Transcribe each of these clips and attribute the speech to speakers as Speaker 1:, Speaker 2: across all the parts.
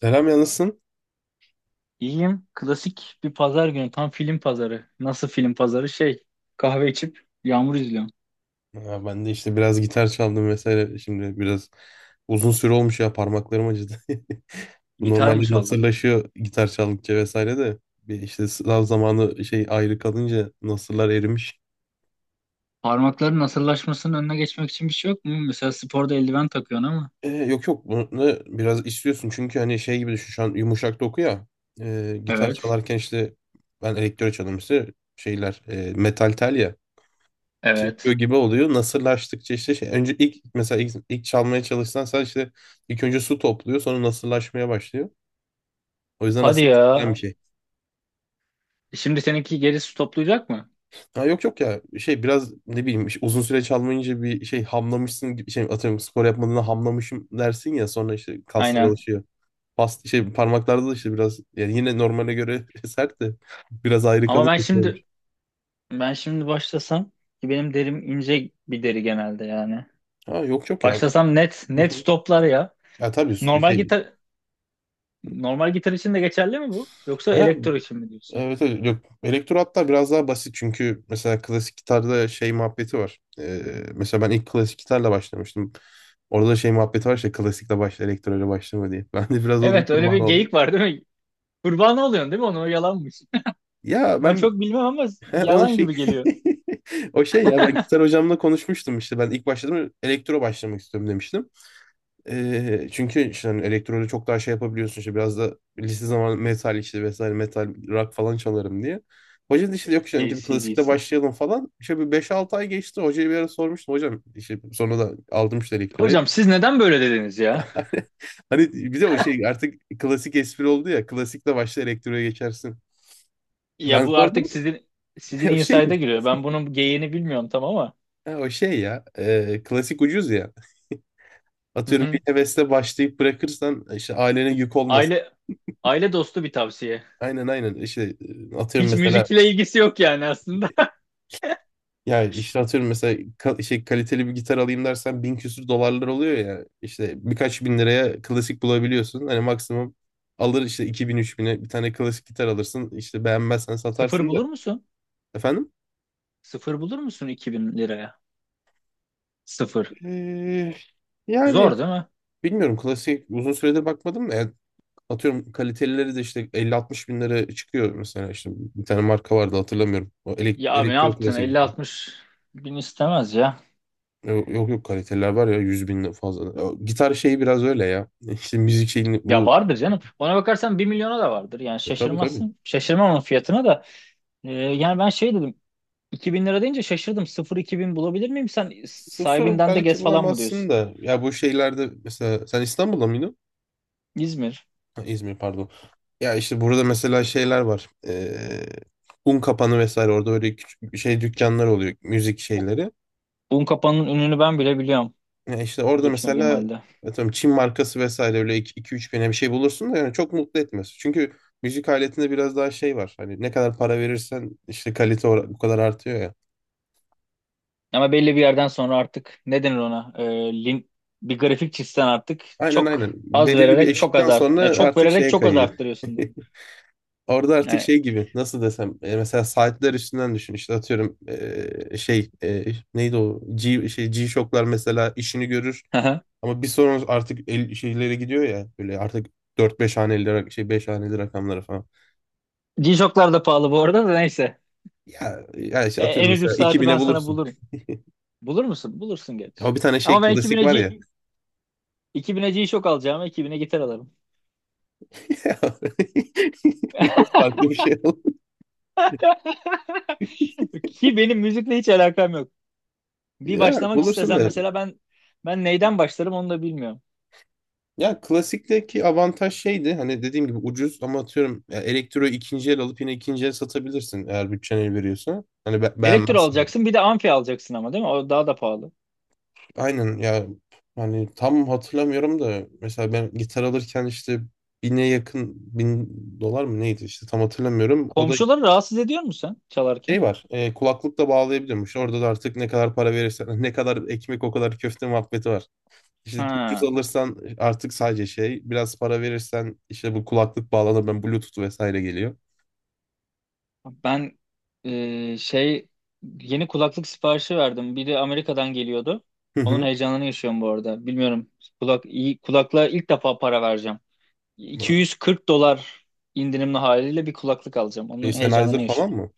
Speaker 1: Selam yalnızsın.
Speaker 2: İyiyim. Klasik bir pazar günü. Tam film pazarı. Nasıl film pazarı? Kahve içip yağmur izliyorum.
Speaker 1: Ha, ben de işte biraz gitar çaldım vesaire. Şimdi biraz uzun süre olmuş ya, parmaklarım acıdı. Bu
Speaker 2: Gitar mı
Speaker 1: normalde
Speaker 2: çaldın?
Speaker 1: nasırlaşıyor gitar çaldıkça vesaire de. Bir işte sınav zamanı şey ayrı kalınca nasırlar erimiş.
Speaker 2: Parmakların nasırlaşmasının önüne geçmek için bir şey yok mu? Mesela sporda eldiven takıyorsun ama.
Speaker 1: Yok yok, bunu biraz istiyorsun çünkü hani şey gibi düşün, şu an yumuşak doku ya. Gitar
Speaker 2: Evet.
Speaker 1: çalarken işte ben elektro çalıyorum, işte şeyler metal tel ya. Yapıyor
Speaker 2: Evet.
Speaker 1: gibi oluyor. Nasırlaştıkça işte şey, önce ilk, mesela ilk çalmaya çalışsan sen işte ilk önce su topluyor, sonra nasırlaşmaya başlıyor. O yüzden
Speaker 2: Hadi
Speaker 1: aslında isteyen
Speaker 2: ya.
Speaker 1: bir şey.
Speaker 2: Şimdi seninki gerisi toplayacak mı?
Speaker 1: Ha, yok yok ya, şey biraz ne bileyim, işte uzun süre çalmayınca bir şey hamlamışsın gibi, şey atıyorum spor yapmadığında hamlamışım dersin ya, sonra işte kaslar
Speaker 2: Aynen.
Speaker 1: alışıyor. Past şey parmaklarda da işte biraz yani yine normale göre sert de, biraz ayrı
Speaker 2: Ama
Speaker 1: kalınca
Speaker 2: ben
Speaker 1: şey olmuş.
Speaker 2: şimdi ben şimdi başlasam, ki benim derim ince bir deri genelde yani.
Speaker 1: Ha, yok yok ya.
Speaker 2: Başlasam net net stoplar ya.
Speaker 1: Ya tabii,
Speaker 2: Normal gitar normal gitar için de geçerli mi bu? Yoksa
Speaker 1: ha,
Speaker 2: elektro için mi diyorsun?
Speaker 1: Evet, evet, yok. Elektro hatta biraz daha basit, çünkü mesela klasik gitarda şey muhabbeti var. Mesela ben ilk klasik gitarla başlamıştım. Orada da şey muhabbeti var, işte klasikle başla, elektroyla başlama diye. Ben de biraz onun
Speaker 2: Evet, öyle bir
Speaker 1: kurbanı oldum.
Speaker 2: geyik var değil mi? Kurban oluyorsun değil mi? Onu o yalanmış.
Speaker 1: Ya
Speaker 2: Ben
Speaker 1: ben,
Speaker 2: çok bilmem ama
Speaker 1: he, onun
Speaker 2: yalan
Speaker 1: şey
Speaker 2: gibi geliyor.
Speaker 1: o şey ya, ben gitar hocamla konuşmuştum, işte ben ilk başladım, elektro başlamak istiyorum demiştim. Çünkü işte hani elektrolu çok daha şey yapabiliyorsun, işte biraz da lise zamanı metal işte vesaire, metal rock falan çalarım diye. Hoca da işte yok, işte önce bir klasikle
Speaker 2: AC/DC.
Speaker 1: başlayalım falan. İşte bir beş altı ay geçti. Hocaya bir ara sormuştum. Hocam işte sonra da aldım işte elektroyu.
Speaker 2: Hocam, siz neden böyle dediniz ya?
Speaker 1: Hani bize o şey artık klasik espri oldu ya. Klasikle başla, elektroya geçersin.
Speaker 2: Ya
Speaker 1: Ben
Speaker 2: bu artık
Speaker 1: sordum.
Speaker 2: sizin
Speaker 1: O
Speaker 2: inside'a
Speaker 1: şeymiş.
Speaker 2: giriyor. Ben bunun geyiğini bilmiyorum tam ama.
Speaker 1: Ha, o şey ya. Klasik ucuz ya.
Speaker 2: Hı
Speaker 1: Atıyorum bir
Speaker 2: hı.
Speaker 1: hevesle başlayıp bırakırsan işte ailene yük olmasın.
Speaker 2: Aile aile dostu bir tavsiye.
Speaker 1: Aynen aynen. İşte atıyorum
Speaker 2: Hiç
Speaker 1: mesela,
Speaker 2: müzikle ilgisi yok yani aslında.
Speaker 1: yani işte atıyorum mesela kaliteli bir gitar alayım dersen bin küsür dolarlar oluyor ya. İşte birkaç bin liraya klasik bulabiliyorsun. Hani maksimum alır işte iki bin üç bin'e bir tane klasik gitar alırsın. İşte beğenmezsen
Speaker 2: Sıfır
Speaker 1: satarsın da.
Speaker 2: bulur musun?
Speaker 1: Efendim?
Speaker 2: Sıfır bulur musun 2000 liraya? Sıfır.
Speaker 1: Ee, yani
Speaker 2: Zor değil mi?
Speaker 1: bilmiyorum, klasik uzun süredir bakmadım da, yani atıyorum kalitelileri de işte elli altmış bin lira çıkıyor, mesela işte bir tane marka vardı, hatırlamıyorum. O elek
Speaker 2: Ya abi ne
Speaker 1: elektro
Speaker 2: yaptın?
Speaker 1: klasik diye.
Speaker 2: 50-60 bin istemez ya.
Speaker 1: Yok yok yok, kaliteliler var ya 100 bin fazla. O gitar şeyi biraz öyle ya. İşte müzik şeyini
Speaker 2: Ya
Speaker 1: bu...
Speaker 2: vardır canım. Ona bakarsan bir milyona da vardır. Yani
Speaker 1: E, tabii tabii.
Speaker 2: şaşırmazsın. Şaşırmam onun fiyatına da. Yani ben şey dedim. 2000 lira deyince şaşırdım. 0-2000 bulabilir miyim? Sen
Speaker 1: Sıfır
Speaker 2: sahibinden de
Speaker 1: belki
Speaker 2: gez falan mı
Speaker 1: bulamazsın
Speaker 2: diyorsun?
Speaker 1: da. Ya bu şeylerde mesela, sen İstanbul'da mıydın?
Speaker 2: İzmir.
Speaker 1: Ha, İzmir, pardon. Ya işte burada mesela şeyler var. Un kapanı vesaire, orada böyle küçük şey dükkanlar oluyor. Müzik
Speaker 2: Bu-
Speaker 1: şeyleri.
Speaker 2: Unkapanı'nın ününü ben bile biliyorum,
Speaker 1: Ya işte orada
Speaker 2: gitmediğim
Speaker 1: mesela
Speaker 2: halde.
Speaker 1: atıyorum Çin markası vesaire öyle iki üç bine bir şey bulursun da, yani çok mutlu etmez. Çünkü müzik aletinde biraz daha şey var. Hani ne kadar para verirsen işte kalite o bu kadar artıyor ya.
Speaker 2: Ama belli bir yerden sonra artık ne denir ona? Lin- bir grafik çizsen, artık
Speaker 1: Aynen
Speaker 2: çok
Speaker 1: aynen.
Speaker 2: az
Speaker 1: Belirli bir
Speaker 2: vererek çok
Speaker 1: eşikten
Speaker 2: az art
Speaker 1: sonra
Speaker 2: ya, çok
Speaker 1: artık
Speaker 2: vererek
Speaker 1: şeye
Speaker 2: çok az
Speaker 1: kayıyor.
Speaker 2: arttırıyorsun.
Speaker 1: Orada artık
Speaker 2: Yani,
Speaker 1: şey gibi, nasıl desem mesela saatler üstünden düşün, işte atıyorum e, şey e, neydi o G, şey G-Shock'lar mesela işini görür, ama bir sonra artık şeylere gidiyor ya, böyle artık dört beş haneli rak- şey 5 haneli rakamlara falan.
Speaker 2: G-Shock'lar da pahalı bu arada, da neyse.
Speaker 1: Ya, ya işte
Speaker 2: E,
Speaker 1: atıyorum
Speaker 2: en ucuz
Speaker 1: mesela iki
Speaker 2: saati
Speaker 1: bine
Speaker 2: ben sana
Speaker 1: bulursun.
Speaker 2: bulurum. Bulur musun? Bulursun gerçi.
Speaker 1: O bir tane şey
Speaker 2: Ama ben
Speaker 1: klasik
Speaker 2: 2000'e
Speaker 1: var ya.
Speaker 2: G- 2000'e G-Shock alacağım. 2000'e gitar alırım.
Speaker 1: Biraz farklı bir şey oldu.
Speaker 2: Ki benim müzikle hiç alakam yok. Bir
Speaker 1: Ya
Speaker 2: başlamak
Speaker 1: bulursun
Speaker 2: istesem,
Speaker 1: da...
Speaker 2: mesela ben neyden başlarım onu da bilmiyorum.
Speaker 1: Ya klasikteki avantaj şeydi, hani dediğim gibi ucuz, ama atıyorum ya elektroyu ikinci el alıp yine ikinci el satabilirsin, eğer bütçen el veriyorsa. Hani
Speaker 2: Elektro
Speaker 1: beğenmezsen.
Speaker 2: alacaksın, bir de amfi alacaksın ama değil mi? O daha da pahalı.
Speaker 1: Aynen ya, hani tam hatırlamıyorum da, mesela ben gitar alırken işte bine yakın bin dolar mı neydi, işte tam hatırlamıyorum. O da
Speaker 2: Komşuları rahatsız ediyor musun sen çalarken?
Speaker 1: şey var kulaklıkla bağlayabiliyormuş. Orada da artık ne kadar para verirsen ne kadar ekmek o kadar köfte muhabbeti var. İşte ucuz
Speaker 2: Ha.
Speaker 1: alırsan artık sadece şey, biraz para verirsen işte bu kulaklık bağlanır, ben Bluetooth vesaire geliyor.
Speaker 2: Ben e, şey yeni kulaklık siparişi verdim. Biri Amerika'dan geliyordu.
Speaker 1: Hı hı.
Speaker 2: Onun heyecanını yaşıyorum bu arada. Bilmiyorum. İyi kulaklığa ilk defa para vereceğim. 240 dolar indirimli haliyle bir kulaklık alacağım.
Speaker 1: Şey
Speaker 2: Onun heyecanını
Speaker 1: Sennheiser falan
Speaker 2: yaşıyorum.
Speaker 1: mı?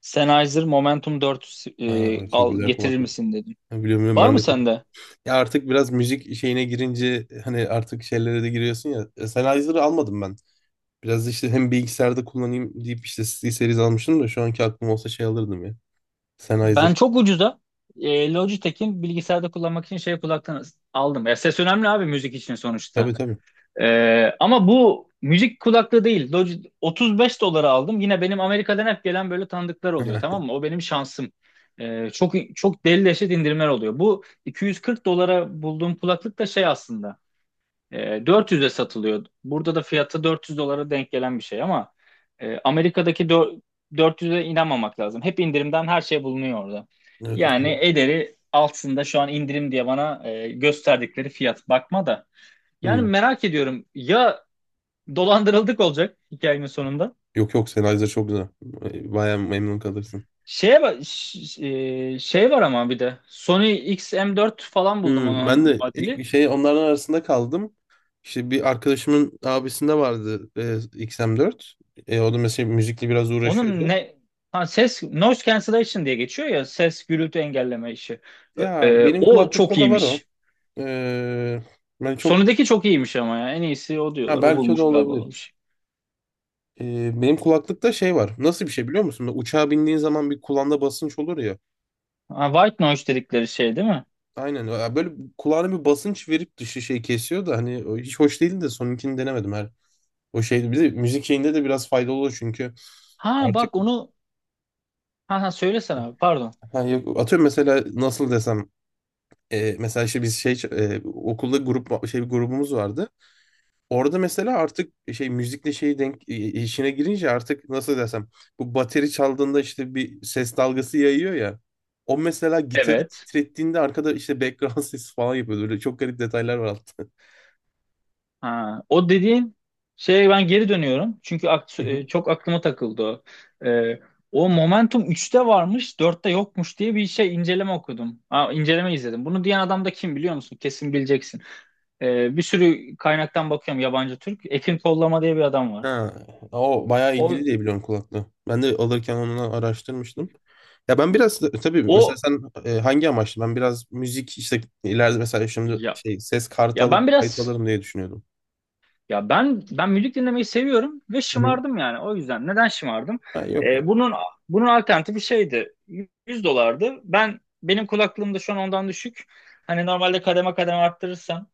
Speaker 2: Sennheiser Momentum 4
Speaker 1: Ha, çok
Speaker 2: al
Speaker 1: güzel
Speaker 2: getirir
Speaker 1: kulaklık.
Speaker 2: misin dedim.
Speaker 1: Ha, biliyorum biliyorum,
Speaker 2: Var
Speaker 1: ben
Speaker 2: mı
Speaker 1: de.
Speaker 2: sende?
Speaker 1: Ya artık biraz müzik şeyine girince hani artık şeylere de giriyorsun ya. E, Sennheiser'ı almadım ben. Biraz işte hem bilgisayarda kullanayım deyip işte C Series almıştım da, şu anki aklım olsa şey alırdım ya.
Speaker 2: Ben
Speaker 1: Sennheiser.
Speaker 2: çok ucuza Logitech'in bilgisayarda kullanmak için kulaktan aldım. Ya ses önemli abi, müzik için sonuçta.
Speaker 1: Tabii tabii.
Speaker 2: Ama bu müzik kulaklığı değil. 35 dolara aldım. Yine benim Amerika'dan hep gelen böyle tanıdıklar oluyor, tamam mı? O benim şansım. Çok çok deli deşet indirimler oluyor. Bu 240 dolara bulduğum kulaklık da şey aslında. E, 400'e satılıyor. Burada da fiyatı 400 dolara denk gelen bir şey ama Amerika'daki 400'e inanmamak lazım. Hep indirimden her şey bulunuyor orada.
Speaker 1: Ha, evet.
Speaker 2: Yani
Speaker 1: O-.
Speaker 2: ederi altında şu an indirim diye bana gösterdikleri fiyat, bakma da. Yani
Speaker 1: Hı.
Speaker 2: merak ediyorum ya, dolandırıldık olacak hikayenin sonunda.
Speaker 1: Yok yok, Sennheiser çok güzel. E, bayağı memnun kalırsın.
Speaker 2: Şeye ba- ş- e, şey var ama bir de Sony X m 4 falan buldum,
Speaker 1: Hmm, ben
Speaker 2: onun
Speaker 1: de
Speaker 2: muadili.
Speaker 1: ilk şey onların arasında kaldım. İşte bir arkadaşımın abisinde vardı XM4. E, o da mesela müzikle biraz
Speaker 2: Onun
Speaker 1: uğraşıyordu.
Speaker 2: ne ha, ses noise cancellation diye geçiyor ya, ses gürültü engelleme işi. Ö-
Speaker 1: Ya
Speaker 2: e,
Speaker 1: benim
Speaker 2: o çok
Speaker 1: kulaklıkta da var o.
Speaker 2: iyiymiş.
Speaker 1: E, ben çok,
Speaker 2: Sonundaki çok iyiymiş ama ya, en iyisi o
Speaker 1: ha,
Speaker 2: diyorlar. O
Speaker 1: belki o da
Speaker 2: bulmuş galiba o
Speaker 1: olabilir.
Speaker 2: işi.
Speaker 1: E, benim kulaklıkta şey var. Nasıl bir şey, biliyor musun? Böyle uçağa bindiğin zaman bir kulağında basınç olur ya.
Speaker 2: Ha, white noise dedikleri şey değil mi?
Speaker 1: Aynen. Ya böyle kulağına bir basınç verip dışı şey kesiyor da, hani o hiç hoş değildi de, sonunkini denemedim her. O şeydi. Bir de müzik şeyinde de biraz faydalı oluyor çünkü.
Speaker 2: Ha
Speaker 1: Artık...
Speaker 2: bak onu ha, ha söylesene abi, pardon.
Speaker 1: Ha, yok. Atıyorum mesela nasıl desem mesela işte biz şey okulda grup şey grubumuz vardı. Orada mesela artık şey müzikle şey denk işine girince artık nasıl desem, bu bateri çaldığında işte bir ses dalgası yayıyor ya. O mesela gitarı
Speaker 2: Evet.
Speaker 1: titrettiğinde arkada işte background sesi falan yapıyordu. Böyle çok garip detaylar var altta.
Speaker 2: Ha, o dediğin şeye ben geri dönüyorum. Çünkü çok aklıma takıldı o. E, o Momentum üçte varmış, dörtte yokmuş diye bir inceleme okudum. Ha, inceleme izledim. Bunu diyen adam da kim biliyor musun? Kesin bileceksin. Bir sürü kaynaktan bakıyorum, yabancı, Türk. Ekin Kollama diye bir adam var.
Speaker 1: Ha, o bayağı ilgili
Speaker 2: O
Speaker 1: diye biliyorum kulaklığı. Ben de alırken onu araştırmıştım. Ya ben biraz tabii, mesela
Speaker 2: o
Speaker 1: sen hangi amaçlı? Ben biraz müzik işte ileride mesela şimdi
Speaker 2: ya
Speaker 1: şey ses kartı
Speaker 2: ya ben
Speaker 1: alıp kayıt
Speaker 2: biraz
Speaker 1: alırım diye düşünüyordum.
Speaker 2: Ben müzik dinlemeyi seviyorum ve
Speaker 1: Hı hı.
Speaker 2: şımardım yani. O yüzden neden şımardım?
Speaker 1: Ha, yok
Speaker 2: Ee,
Speaker 1: ya.
Speaker 2: bunun bunun alternatifi şeydi. 100 dolardı. Benim kulaklığım da şu an ondan düşük. Hani, normalde kademe kademe arttırırsam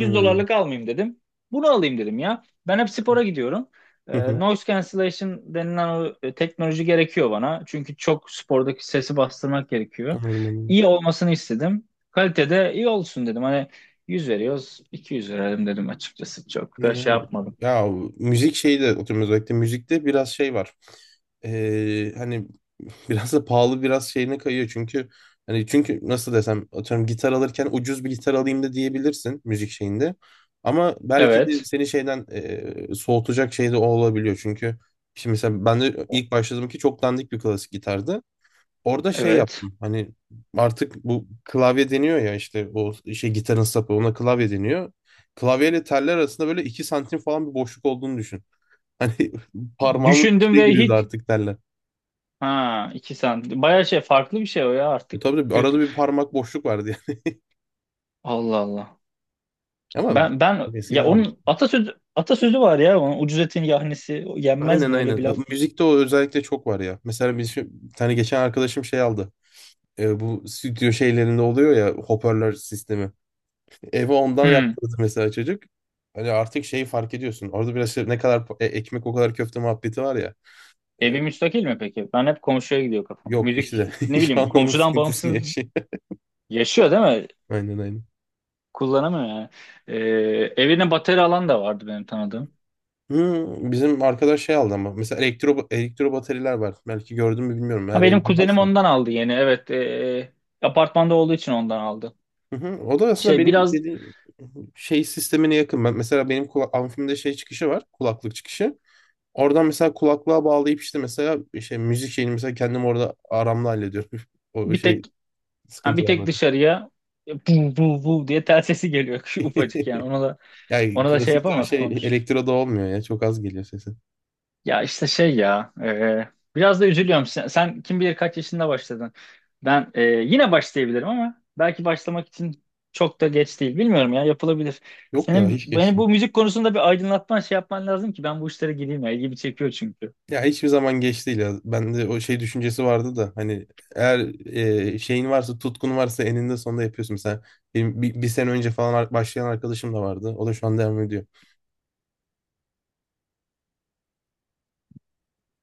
Speaker 1: Hı hı.
Speaker 2: dolarlık almayayım dedim. Bunu alayım dedim ya. Ben hep spora gidiyorum.
Speaker 1: Hı
Speaker 2: Ee,
Speaker 1: hı.
Speaker 2: noise cancellation denilen o teknoloji gerekiyor bana. Çünkü çok spordaki sesi bastırmak gerekiyor.
Speaker 1: Anladım, anladım.
Speaker 2: İyi olmasını istedim. Kalitede iyi olsun dedim. Hani 100 veriyoruz. 200 verelim dedim açıkçası. Çok da
Speaker 1: Yani,
Speaker 2: şey
Speaker 1: evet.
Speaker 2: yapmadım.
Speaker 1: Ya müzik şeyi de oturuyoruz, özellikle müzikte biraz şey var. Hani biraz da pahalı, biraz şeyine kayıyor çünkü, hani çünkü nasıl desem atıyorum gitar alırken ucuz bir gitar alayım da diyebilirsin müzik şeyinde. Ama belki de
Speaker 2: Evet.
Speaker 1: seni şeyden soğutacak şey de o olabiliyor çünkü şimdi mesela ben de ilk
Speaker 2: O-
Speaker 1: başladığım ki çok dandik bir klasik gitardı. Orada şey
Speaker 2: Evet.
Speaker 1: yaptım. Hani artık bu klavye deniyor ya, işte o şey gitarın sapı, ona klavye deniyor. Klavyeyle teller arasında böyle 2 santim falan bir boşluk olduğunu düşün. Hani parmağımın
Speaker 2: Düşündüm
Speaker 1: içine
Speaker 2: ve
Speaker 1: giriyordu
Speaker 2: hiç.
Speaker 1: artık teller.
Speaker 2: Ha, 2 santim. Bayağı farklı bir şey o ya
Speaker 1: E
Speaker 2: artık.
Speaker 1: tabii de
Speaker 2: Kötü.
Speaker 1: arada bir parmak boşluk vardı yani.
Speaker 2: Allah Allah.
Speaker 1: Ama
Speaker 2: Ben ben
Speaker 1: eskiden
Speaker 2: ya
Speaker 1: almış.
Speaker 2: Onun atasözü var ya, onun, ucuz etin yahnisi o yenmez
Speaker 1: Aynen
Speaker 2: mi, öyle
Speaker 1: aynen.
Speaker 2: bir laf var.
Speaker 1: Müzikte o özellikle çok var ya. Mesela biz bir tane geçen arkadaşım şey aldı. E, bu stüdyo şeylerinde oluyor ya, hoparlör sistemi. Evi ondan
Speaker 2: Hmm.
Speaker 1: yaptırdı mesela çocuk. Hani artık şeyi fark ediyorsun. Orada biraz şey, ne kadar pa- e- ekmek o kadar köfte muhabbeti var ya. E,
Speaker 2: Evi müstakil mi peki? Ben hep komşuya gidiyor kafam.
Speaker 1: yok
Speaker 2: Müzik,
Speaker 1: işte
Speaker 2: ne
Speaker 1: şu
Speaker 2: bileyim,
Speaker 1: an onun
Speaker 2: komşudan
Speaker 1: sıkıntısını
Speaker 2: bağımsız
Speaker 1: yaşıyor.
Speaker 2: yaşıyor değil mi?
Speaker 1: Aynen aynen.
Speaker 2: Kullanamıyor yani. Ee, evine bateri alan da vardı benim tanıdığım.
Speaker 1: Hmm, bizim arkadaş şey aldı ama. Mesela elektro bataryalar var. Belki gördün mü bilmiyorum.
Speaker 2: Ha,
Speaker 1: Eğer
Speaker 2: benim
Speaker 1: elinde
Speaker 2: kuzenim
Speaker 1: varsa.
Speaker 2: ondan aldı yeni. Evet, apartmanda olduğu için ondan aldı.
Speaker 1: Hı hı. O da aslında
Speaker 2: Şey
Speaker 1: benim
Speaker 2: biraz
Speaker 1: dediğim şey sistemine yakın. Mesela benim amfimde şey çıkışı var. Kulaklık çıkışı. Oradan mesela kulaklığa bağlayıp işte mesela şey müzik şeyini mesela kendim orada aramla hallediyorum. O
Speaker 2: bir tek
Speaker 1: şey
Speaker 2: ha,
Speaker 1: sıkıntı
Speaker 2: bir
Speaker 1: var.
Speaker 2: tek dışarıya bu bu bu diye tel sesi geliyor, şu ufacık yani. Ona da
Speaker 1: Yani
Speaker 2: şey
Speaker 1: klasikle o
Speaker 2: yapamaz
Speaker 1: şey
Speaker 2: komşu.
Speaker 1: elektroda olmuyor ya. Çok az geliyor sesi.
Speaker 2: Ya işte şey ya, biraz da üzülüyorum. Sen kim bilir kaç yaşında başladın. Ben yine başlayabilirim ama belki başlamak için çok da geç değil. Bilmiyorum ya, yapılabilir.
Speaker 1: Yok ya
Speaker 2: Senin
Speaker 1: hiç geç
Speaker 2: beni
Speaker 1: değil.
Speaker 2: bu müzik konusunda bir aydınlatman, şey yapman lazım ki ben bu işlere gireyim ya. İlgimi çekiyor çünkü.
Speaker 1: Ya hiçbir zaman geç değil ya. Bende o şey düşüncesi vardı da, hani eğer şeyin varsa, tutkun varsa eninde sonunda yapıyorsun. Mesela benim bir sene önce falan başlayan arkadaşım da vardı. O da şu an devam ediyor.